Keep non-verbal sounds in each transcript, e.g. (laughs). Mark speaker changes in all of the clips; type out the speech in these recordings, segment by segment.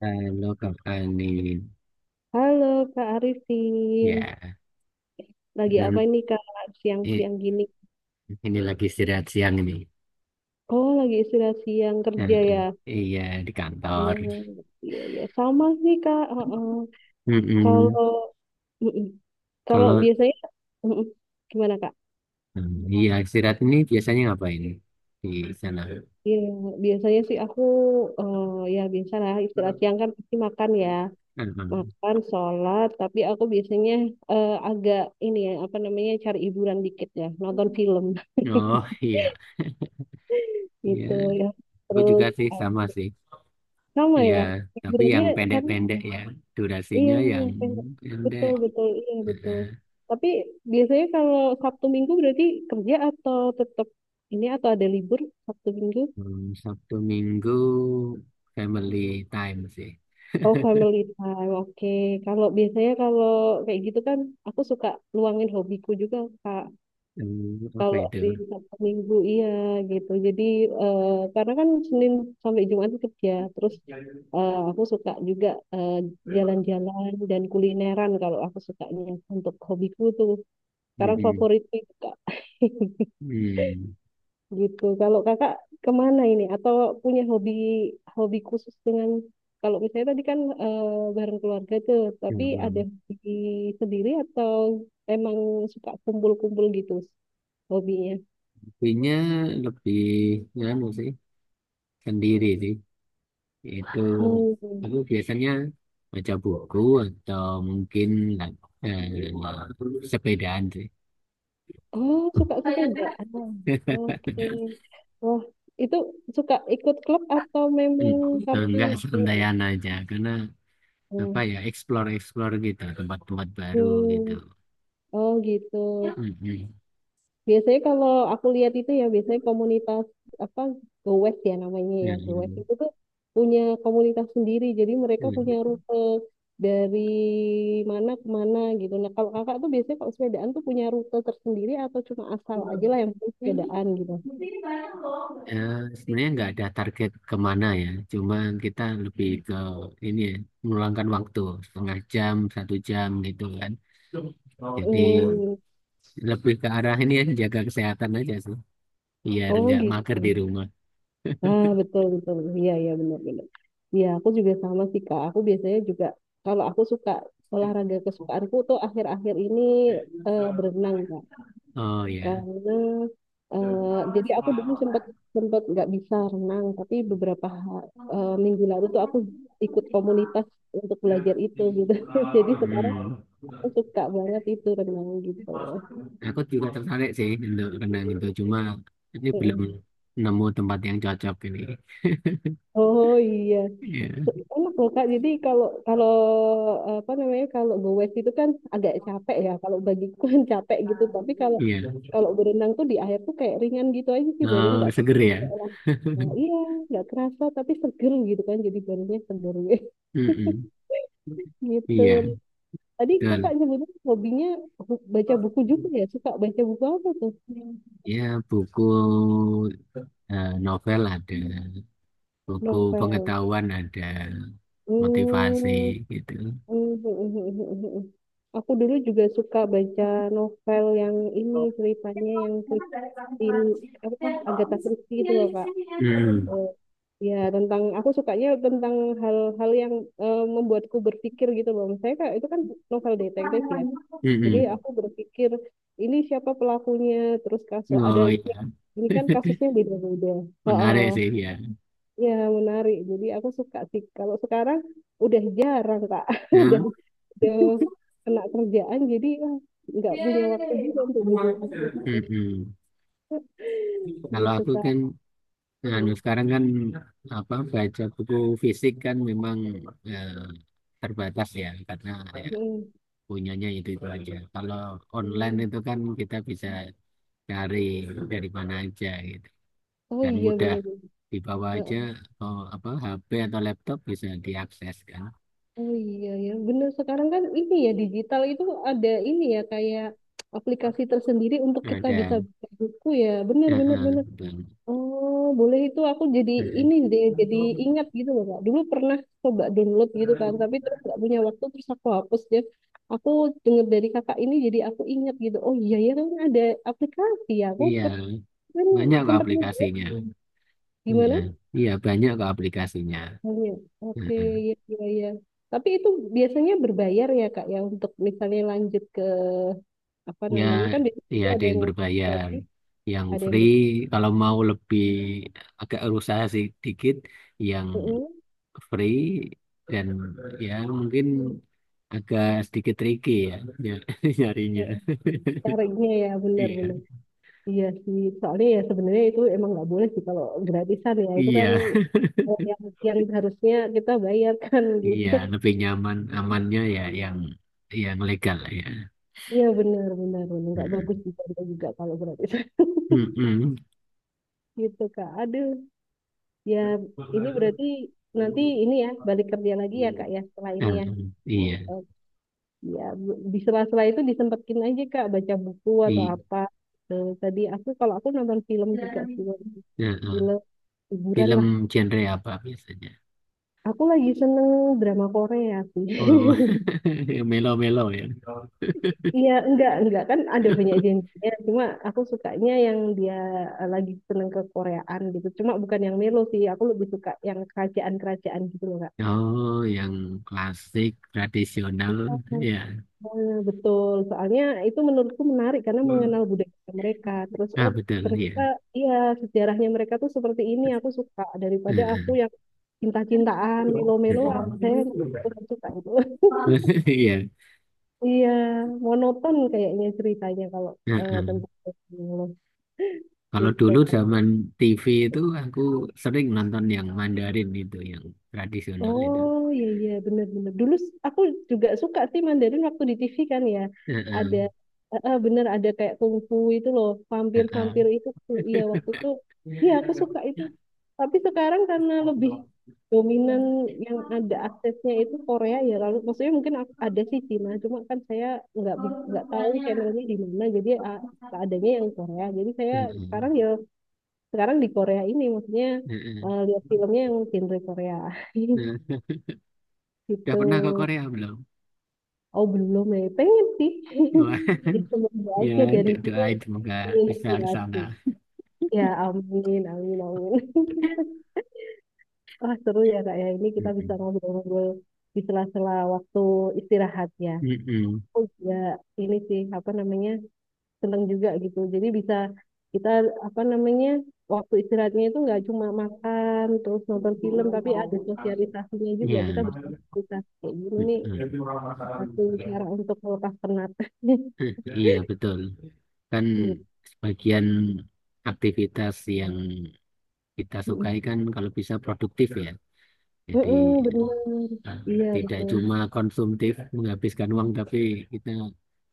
Speaker 1: Halo Kak Fani,
Speaker 2: Halo Kak Arifin,
Speaker 1: ya.
Speaker 2: lagi
Speaker 1: Hmm,
Speaker 2: apa ini Kak
Speaker 1: i-
Speaker 2: siang-siang gini?
Speaker 1: ini lagi istirahat siang ini.
Speaker 2: Oh lagi istirahat siang kerja
Speaker 1: Heeh.
Speaker 2: ya?
Speaker 1: Iya, di kantor.
Speaker 2: Oh iya iya sama sih Kak. Heeh.
Speaker 1: Mm-mm.
Speaker 2: Kalau mm-mm. kalau
Speaker 1: Kalau
Speaker 2: biasanya mm-mm. gimana Kak?
Speaker 1: iya, istirahat ini biasanya ngapain di sana?
Speaker 2: Iya biasanya sih aku eh, ya biasalah istirahat siang kan pasti makan ya,
Speaker 1: Heeh.
Speaker 2: makan sholat. Tapi aku biasanya agak ini ya apa namanya cari hiburan dikit ya, nonton film
Speaker 1: Oh
Speaker 2: (laughs)
Speaker 1: iya, iya.
Speaker 2: gitu ya.
Speaker 1: Aku juga
Speaker 2: Terus
Speaker 1: sih, sama sih.
Speaker 2: sama
Speaker 1: Iya,
Speaker 2: ya
Speaker 1: tapi yang
Speaker 2: hiburannya karena
Speaker 1: pendek-pendek ya,
Speaker 2: iya
Speaker 1: durasinya yang
Speaker 2: pengen-
Speaker 1: pendek.
Speaker 2: betul betul iya
Speaker 1: Heeh.
Speaker 2: betul tapi biasanya kalau Sabtu Minggu berarti kerja atau tetap ini atau ada libur Sabtu Minggu
Speaker 1: Hmm, Sabtu Minggu family time sih.
Speaker 2: oh
Speaker 1: (laughs)
Speaker 2: family time oke kalau biasanya kalau kayak gitu kan aku suka luangin hobiku juga Kak.
Speaker 1: Hmm, apa
Speaker 2: Kalau
Speaker 1: itu?
Speaker 2: di Sabtu Minggu iya gitu. Jadi eh, karena kan Senin sampai Jumat itu kerja. Terus aku suka juga eh, jalan-jalan dan kulineran kalau aku sukanya untuk hobiku tuh. Sekarang
Speaker 1: Mm-mm.
Speaker 2: favoritku itu Kak. (laughs)
Speaker 1: Hmm.
Speaker 2: Gitu. Kalau Kakak kemana ini? Atau punya hobi hobi khusus dengan kalau misalnya tadi kan bareng keluarga tuh,
Speaker 1: Ya,
Speaker 2: tapi
Speaker 1: ya.
Speaker 2: ada hobi sendiri atau emang suka kumpul-kumpul gitu hobinya?
Speaker 1: Kopinya lebih nganu sih, sendiri sih. Itu
Speaker 2: Hmm.
Speaker 1: aku biasanya baca buku atau mungkin eh, sepedaan sih.
Speaker 2: Oh, suka sepedaan. Bang. Oke. Wah, itu suka ikut klub atau
Speaker 1: Hmm,
Speaker 2: memang karena
Speaker 1: enggak,
Speaker 2: ini?
Speaker 1: santaian aja karena apa
Speaker 2: Hmm.
Speaker 1: ya, explore explore gitu, tempat-tempat baru gitu.
Speaker 2: Hmm. Oh, gitu.
Speaker 1: Mm-mm.
Speaker 2: Biasanya kalau aku lihat itu ya biasanya komunitas apa gowes ya namanya ya gowes itu tuh punya komunitas sendiri. Jadi mereka punya
Speaker 1: Mm-mm.
Speaker 2: rute dari mana ke mana gitu. Nah, kalau kakak tuh biasanya kalau sepedaan tuh punya rute tersendiri atau cuma asal aja lah yang penting sepedaan gitu.
Speaker 1: Ya, sebenarnya nggak ada target kemana ya. Cuman kita lebih ke ini ya, meluangkan waktu setengah jam, satu jam gitu kan. Jadi
Speaker 2: Hmm.
Speaker 1: lebih ke arah ini ya, jaga kesehatan aja sih. Biar
Speaker 2: Oh,
Speaker 1: nggak mager di
Speaker 2: gitu.
Speaker 1: rumah.
Speaker 2: Ah, betul betul. Iya iya benar benar. Iya, aku juga sama sih Kak. Aku biasanya juga kalau aku suka olahraga kesukaanku tuh akhir-akhir ini berenang Kak.
Speaker 1: Oh ya.
Speaker 2: Karena eh, jadi aku dulu sempat sempat nggak bisa renang, tapi beberapa minggu lalu tuh aku ikut komunitas untuk belajar itu gitu. (laughs) Jadi sekarang aku
Speaker 1: Hmm.
Speaker 2: suka banget itu renang gitu.
Speaker 1: Aku juga tertarik sih untuk renang itu, cuma ini belum
Speaker 2: Mm-mm.
Speaker 1: nemu tempat yang cocok ini.
Speaker 2: Oh iya,
Speaker 1: Iya,
Speaker 2: enak loh Kak. Jadi kalau kalau apa namanya kalau gowes itu kan agak capek ya. Kalau bagiku kan (laughs) capek gitu. Tapi kalau
Speaker 1: iya.
Speaker 2: kalau berenang tuh di air tuh kayak ringan gitu aja sih badan
Speaker 1: Eh,
Speaker 2: nggak ter-
Speaker 1: seger ya.
Speaker 2: kayak, nah, iya nggak kerasa tapi seger gitu kan. Jadi badannya seger
Speaker 1: Mm-mm.
Speaker 2: (laughs) gitu.
Speaker 1: Iya,
Speaker 2: Tadi Kakak
Speaker 1: betul.
Speaker 2: nyebutnya hobinya baca buku juga ya. Suka baca buku apa tuh?
Speaker 1: Ya, buku novel ada, buku
Speaker 2: Novel.
Speaker 1: pengetahuan ada, motivasi
Speaker 2: Hmm.
Speaker 1: gitu.
Speaker 2: (laughs) Aku dulu juga suka baca novel yang ini ceritanya yang punya in apa Agatha Christie gitu loh Kak.
Speaker 1: Hmm.
Speaker 2: Eh, ya tentang aku sukanya tentang hal-hal yang membuatku berpikir gitu loh. Misalnya Kak, itu kan novel detektif ya. Jadi
Speaker 1: Mm-mm.
Speaker 2: aku berpikir ini siapa pelakunya, terus kasus ada
Speaker 1: Oh,
Speaker 2: si-"
Speaker 1: iya.
Speaker 2: ini kan kasusnya beda-beda. Oh,
Speaker 1: Menarik
Speaker 2: oh.
Speaker 1: sih ya.
Speaker 2: Ya menarik. Jadi aku suka sih. Kalau sekarang udah jarang Kak. (laughs)
Speaker 1: Ya,
Speaker 2: Udah udah kena kerjaan jadi ah, nggak punya waktu juga untuk belajar buku
Speaker 1: mm-mm. Kalau
Speaker 2: gitu
Speaker 1: aku
Speaker 2: Kak.
Speaker 1: kan anu,
Speaker 2: Hmm.
Speaker 1: sekarang kan apa, baca buku fisik kan memang eh, terbatas ya karena ya,
Speaker 2: Hmm.
Speaker 1: punyanya itu aja. Kalau online
Speaker 2: Hmm.
Speaker 1: itu kan kita bisa cari dari mana aja gitu
Speaker 2: Oh
Speaker 1: dan
Speaker 2: iya
Speaker 1: mudah
Speaker 2: bener.
Speaker 1: dibawa aja,
Speaker 2: Heeh.
Speaker 1: oh, apa HP atau laptop bisa diakses kan.
Speaker 2: Oh iya ya bener sekarang kan ini ya digital itu ada ini ya kayak aplikasi tersendiri untuk kita bisa
Speaker 1: Ada,
Speaker 2: buka buku ya. Bener bener bener.
Speaker 1: betul.
Speaker 2: Oh boleh itu aku jadi
Speaker 1: Eh,
Speaker 2: ini
Speaker 1: eh.
Speaker 2: deh jadi ingat gitu loh Kak. Dulu pernah coba download gitu kan tapi terus nggak punya waktu terus aku hapus deh. Aku denger dari kakak ini jadi aku ingat gitu. Oh iya ya kan ada aplikasi ya. Aku
Speaker 1: Iya.
Speaker 2: kan
Speaker 1: Banyak kok
Speaker 2: sempat
Speaker 1: aplikasinya. Hmm. Iya,
Speaker 2: gimana?
Speaker 1: iya, banyak kok aplikasinya.
Speaker 2: Oh, iya. Oke,
Speaker 1: Heeh.
Speaker 2: ya, ya, ya. Tapi itu biasanya berbayar ya Kak ya untuk misalnya lanjut ke apa
Speaker 1: Ya,
Speaker 2: namanya kan biasanya
Speaker 1: ya,
Speaker 2: itu
Speaker 1: ada
Speaker 2: ada
Speaker 1: yang
Speaker 2: yang
Speaker 1: berbayar,
Speaker 2: gratis,
Speaker 1: yang
Speaker 2: ada yang
Speaker 1: free. Kalau mau lebih agak usaha sedikit, yang
Speaker 2: betul.
Speaker 1: free dan ya mungkin agak sedikit tricky ya ny- (laughs) nyarinya.
Speaker 2: Caranya ya
Speaker 1: (laughs) Iya,
Speaker 2: benar-benar. Iya sih. Soalnya ya sebenarnya itu emang nggak boleh sih kalau gratisan ya itu kan
Speaker 1: iya,
Speaker 2: eh, yang yang harusnya kita bayarkan (laughs) gitu.
Speaker 1: iya, lebih nyaman amannya ya yang legal lah ya.
Speaker 2: Iya benar-benar benar nggak bagus
Speaker 1: Mm-mm.
Speaker 2: juga juga kalau gratisan (laughs) gitu Kak. Aduh. Ya ini berarti nanti ini ya balik kerja lagi ya
Speaker 1: Mm-mm.
Speaker 2: Kak ya setelah ini
Speaker 1: Ah,
Speaker 2: ya.
Speaker 1: iya,
Speaker 2: Ya, di sela-sela itu disempetin aja Kak baca buku atau
Speaker 1: di
Speaker 2: apa. Eh, tadi aku kalau aku nonton film juga sih,
Speaker 1: ah, ah.
Speaker 2: film hiburan
Speaker 1: Film
Speaker 2: lah.
Speaker 1: genre apa biasanya?
Speaker 2: Aku lagi seneng drama Korea sih.
Speaker 1: Oh,
Speaker 2: (laughs)
Speaker 1: (laughs) yang melo-melo ya.
Speaker 2: Iya, enggak kan ada banyak jenisnya. Cuma aku sukanya yang dia lagi seneng ke Koreaan gitu. Cuma bukan yang melo sih, aku lebih suka yang kerajaan-kerajaan gitu loh Kak.
Speaker 1: Oh, yang klasik, tradisional, ya.
Speaker 2: Nah, betul. Soalnya itu menurutku menarik karena mengenal budaya mereka. Terus
Speaker 1: Ah,
Speaker 2: oh
Speaker 1: betul,
Speaker 2: ternyata
Speaker 1: iya.
Speaker 2: iya sejarahnya mereka tuh seperti ini. Aku suka daripada aku
Speaker 1: Ah,
Speaker 2: yang cinta-cintaan,
Speaker 1: ah,
Speaker 2: melo-melo ah saya kurang
Speaker 1: ah.
Speaker 2: suka itu. (laughs)
Speaker 1: (laughs) Iya.
Speaker 2: Iya, monoton kayaknya ceritanya kalau
Speaker 1: Heeh.
Speaker 2: tentang Cosmo
Speaker 1: Kalau dulu
Speaker 2: gitu.
Speaker 1: zaman TV itu aku sering nonton yang Mandarin itu, yang tradisional itu.
Speaker 2: Oh iya iya benar-benar. Dulu aku juga suka sih Mandarin waktu di TV kan ya.
Speaker 1: Ah,
Speaker 2: Ada
Speaker 1: ah.
Speaker 2: bener ada kayak kungfu itu loh,
Speaker 1: Ah,
Speaker 2: vampir-vampir itu. Tuh. Iya waktu itu iya aku suka itu. Tapi sekarang karena
Speaker 1: ah.
Speaker 2: lebih dominan
Speaker 1: Mm-mm.
Speaker 2: yang ada aksesnya itu Korea ya. Lalu maksudnya mungkin ada sih Cina, cuma kan saya nggak tahu channelnya di mana. Jadi ah, adanya yang Korea. Jadi saya sekarang ya sekarang di Korea ini maksudnya
Speaker 1: Mm-mm.
Speaker 2: lihat filmnya yang genre Korea. (laughs)
Speaker 1: Mm.
Speaker 2: Gitu.
Speaker 1: Udah pernah ke Korea belum?
Speaker 2: Oh belum ya, pengen sih.
Speaker 1: Wah,
Speaker 2: (laughs) Itu semoga
Speaker 1: ya,
Speaker 2: aja dari situ
Speaker 1: doain semoga bisa ke sana.
Speaker 2: inspirasi. Ya amin, amin, amin. (laughs) Wah seru ya kak ya, ini kita bisa
Speaker 1: Mm-mm.
Speaker 2: ngobrol-ngobrol di sela-sela waktu istirahat ya.
Speaker 1: Mm-mm.
Speaker 2: Oh ya ini sih, apa namanya, seneng juga gitu. Jadi bisa kita, apa namanya, waktu istirahatnya itu nggak cuma makan, terus nonton film, tapi ada sosialisasinya juga.
Speaker 1: Iya.
Speaker 2: Kita bersosialisasi. Kayak gini nih,
Speaker 1: Mm-mm.
Speaker 2: satu cara untuk melepas penat. (laughs)
Speaker 1: Eh, iya betul. Kan
Speaker 2: Iya.
Speaker 1: sebagian aktivitas yang kita sukai
Speaker 2: Mm-mm.
Speaker 1: kan kalau bisa produktif ya. Jadi
Speaker 2: Mm-mm, benar. Iya,
Speaker 1: tidak
Speaker 2: betul.
Speaker 1: cuma konsumtif menghabiskan uang, tapi kita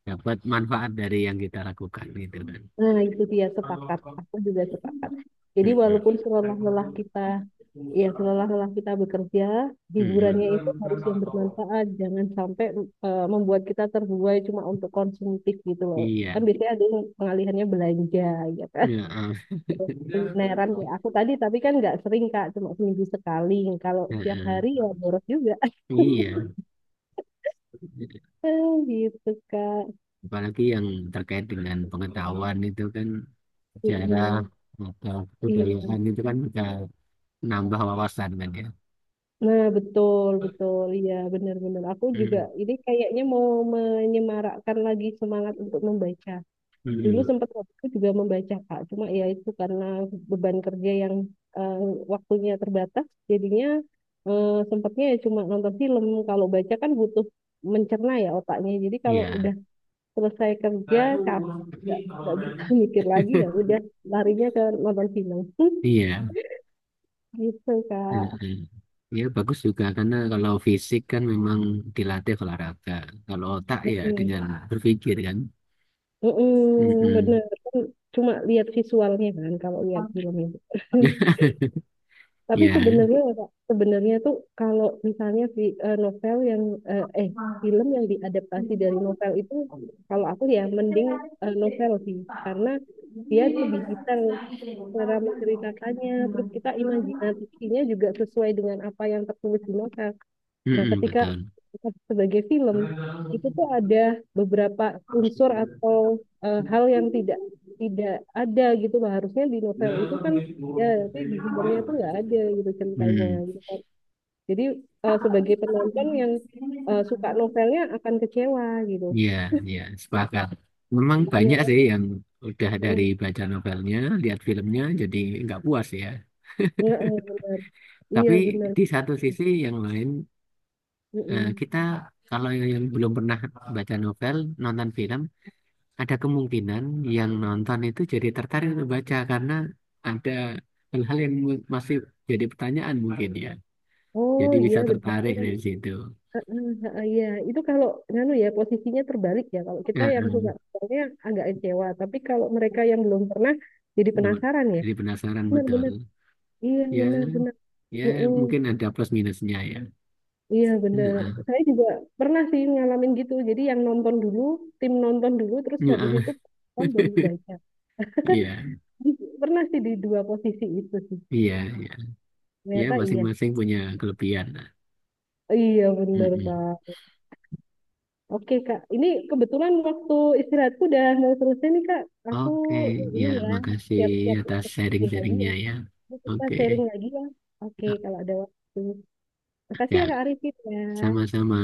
Speaker 1: dapat manfaat dari yang kita lakukan gitu kan.
Speaker 2: Nah, itu dia sepakat. Aku juga sepakat. Jadi
Speaker 1: Mm-mm.
Speaker 2: walaupun selelah-lelah kita, ya selelah-lelah kita bekerja, hiburannya itu
Speaker 1: Mm-mm.
Speaker 2: harus yang bermanfaat. Jangan sampai membuat kita terbuai cuma untuk konsumtif gitu loh.
Speaker 1: Iya,
Speaker 2: Kan biasanya ada yang pengalihannya belanja, ya kan?
Speaker 1: ya, eh,
Speaker 2: (laughs) Kulineran
Speaker 1: (laughs)
Speaker 2: kayak aku tadi, tapi kan nggak sering, Kak. Cuma seminggu sekali. Kalau
Speaker 1: eh,
Speaker 2: setiap hari
Speaker 1: eh,
Speaker 2: ya boros juga.
Speaker 1: iya.
Speaker 2: (laughs) Gitu, Kak.
Speaker 1: Apalagi yang terkait dengan pengetahuan itu kan sejarah
Speaker 2: Mm-mm.
Speaker 1: atau
Speaker 2: Iya.
Speaker 1: kebudayaan itu kan bisa nambah wawasan kan ya.
Speaker 2: Nah, betul, betul. Iya, benar-benar. Aku juga
Speaker 1: Mm.
Speaker 2: ini kayaknya mau menyemarakkan lagi semangat untuk membaca. Dulu
Speaker 1: Mm-mm.
Speaker 2: sempat aku juga membaca, Kak. Cuma ya itu karena beban kerja yang eh, waktunya terbatas, jadinya sempatnya ya cuma nonton film. Kalau baca kan butuh mencerna ya otaknya. Jadi kalau
Speaker 1: Iya.
Speaker 2: udah selesai
Speaker 1: Nah
Speaker 2: kerja,
Speaker 1: itu
Speaker 2: capek,
Speaker 1: urut ini
Speaker 2: nggak
Speaker 1: kalau
Speaker 2: nggak bisa
Speaker 1: driving.
Speaker 2: (laughs) mikir lagi ya udah larinya ke nonton film. (laughs)
Speaker 1: Iya,
Speaker 2: Gitu, Kak.
Speaker 1: heeh. Ya bagus juga karena kalau fisik kan memang dilatih olahraga, kalau otak ya dengan berpikir kan.
Speaker 2: Mm-mm,
Speaker 1: Mm-mm.
Speaker 2: bener kan cuma lihat visualnya kan kalau lihat film itu. (laughs) Tapi
Speaker 1: Ya,
Speaker 2: sebenarnya ya, Kak, sebenarnya tuh kalau misalnya si novel yang eh eh, film yang diadaptasi dari novel itu kalau aku ya mending novel sih karena dia lebih detail cara menceritakannya terus kita imajinasinya juga sesuai dengan apa yang tertulis di novel. Nah,
Speaker 1: mm-mm,
Speaker 2: ketika
Speaker 1: betul.
Speaker 2: sebagai film itu tuh ada beberapa unsur atau hal yang tidak tidak ada gitu Bah. Harusnya di novel itu kan ya tapi di filmnya tuh nggak ada gitu ceritanya
Speaker 1: Hmm.
Speaker 2: gitu kan. Jadi sebagai penonton yang suka novelnya akan kecewa gitu.
Speaker 1: Iya, iya, sepakat. Memang
Speaker 2: Iya,
Speaker 1: banyak sih yang udah dari
Speaker 2: mm,
Speaker 1: baca novelnya, lihat filmnya, jadi nggak puas ya.
Speaker 2: nggak- iya
Speaker 1: Tapi
Speaker 2: benar.
Speaker 1: di satu sisi yang lain, eh,
Speaker 2: Mm-mm.
Speaker 1: kita kalau yang belum pernah baca novel, nonton film, ada kemungkinan yang nonton itu jadi tertarik untuk baca karena ada hal-hal yang masih jadi pertanyaan mungkin ya. Jadi
Speaker 2: Oh
Speaker 1: bisa
Speaker 2: iya benar.
Speaker 1: tertarik dari situ.
Speaker 2: Heeh, heeh, iya, itu kalau nganu ya posisinya terbalik ya. Kalau kita
Speaker 1: Ya,
Speaker 2: yang
Speaker 1: eh,
Speaker 2: suka soalnya agak kecewa, tapi kalau mereka yang belum pernah jadi
Speaker 1: benar.
Speaker 2: penasaran ya.
Speaker 1: Jadi penasaran betul.
Speaker 2: Benar-benar, iya
Speaker 1: Ya,
Speaker 2: benar-benar,
Speaker 1: ya,
Speaker 2: mm-mm,
Speaker 1: mungkin ada plus minusnya ya.
Speaker 2: iya benar.
Speaker 1: Heeh.
Speaker 2: Saya juga pernah sih ngalamin gitu. Jadi yang nonton dulu, tim nonton dulu, terus habis
Speaker 1: Heeh.
Speaker 2: itu kan baru
Speaker 1: (laughs)
Speaker 2: baca.
Speaker 1: Iya,
Speaker 2: Di- Pernah sih di dua posisi itu sih.
Speaker 1: iya, iya. Ya,
Speaker 2: Ternyata iya,
Speaker 1: masing-masing punya kelebihan lah.
Speaker 2: iya benar
Speaker 1: Mm-mm.
Speaker 2: Pak. Oke Kak, ini kebetulan waktu istirahatku udah mau selesai nih Kak. Aku
Speaker 1: Oke, ya,
Speaker 2: ini ya,
Speaker 1: makasih
Speaker 2: siap-siap
Speaker 1: atas
Speaker 2: untuk kerja lagi
Speaker 1: sharing-sharingnya
Speaker 2: ya.
Speaker 1: ya.
Speaker 2: Terus kita
Speaker 1: Oke,
Speaker 2: sharing lagi ya. Oke, kalau ada waktu. Makasih
Speaker 1: ya,
Speaker 2: ya Kak Arifin ya.
Speaker 1: sama-sama.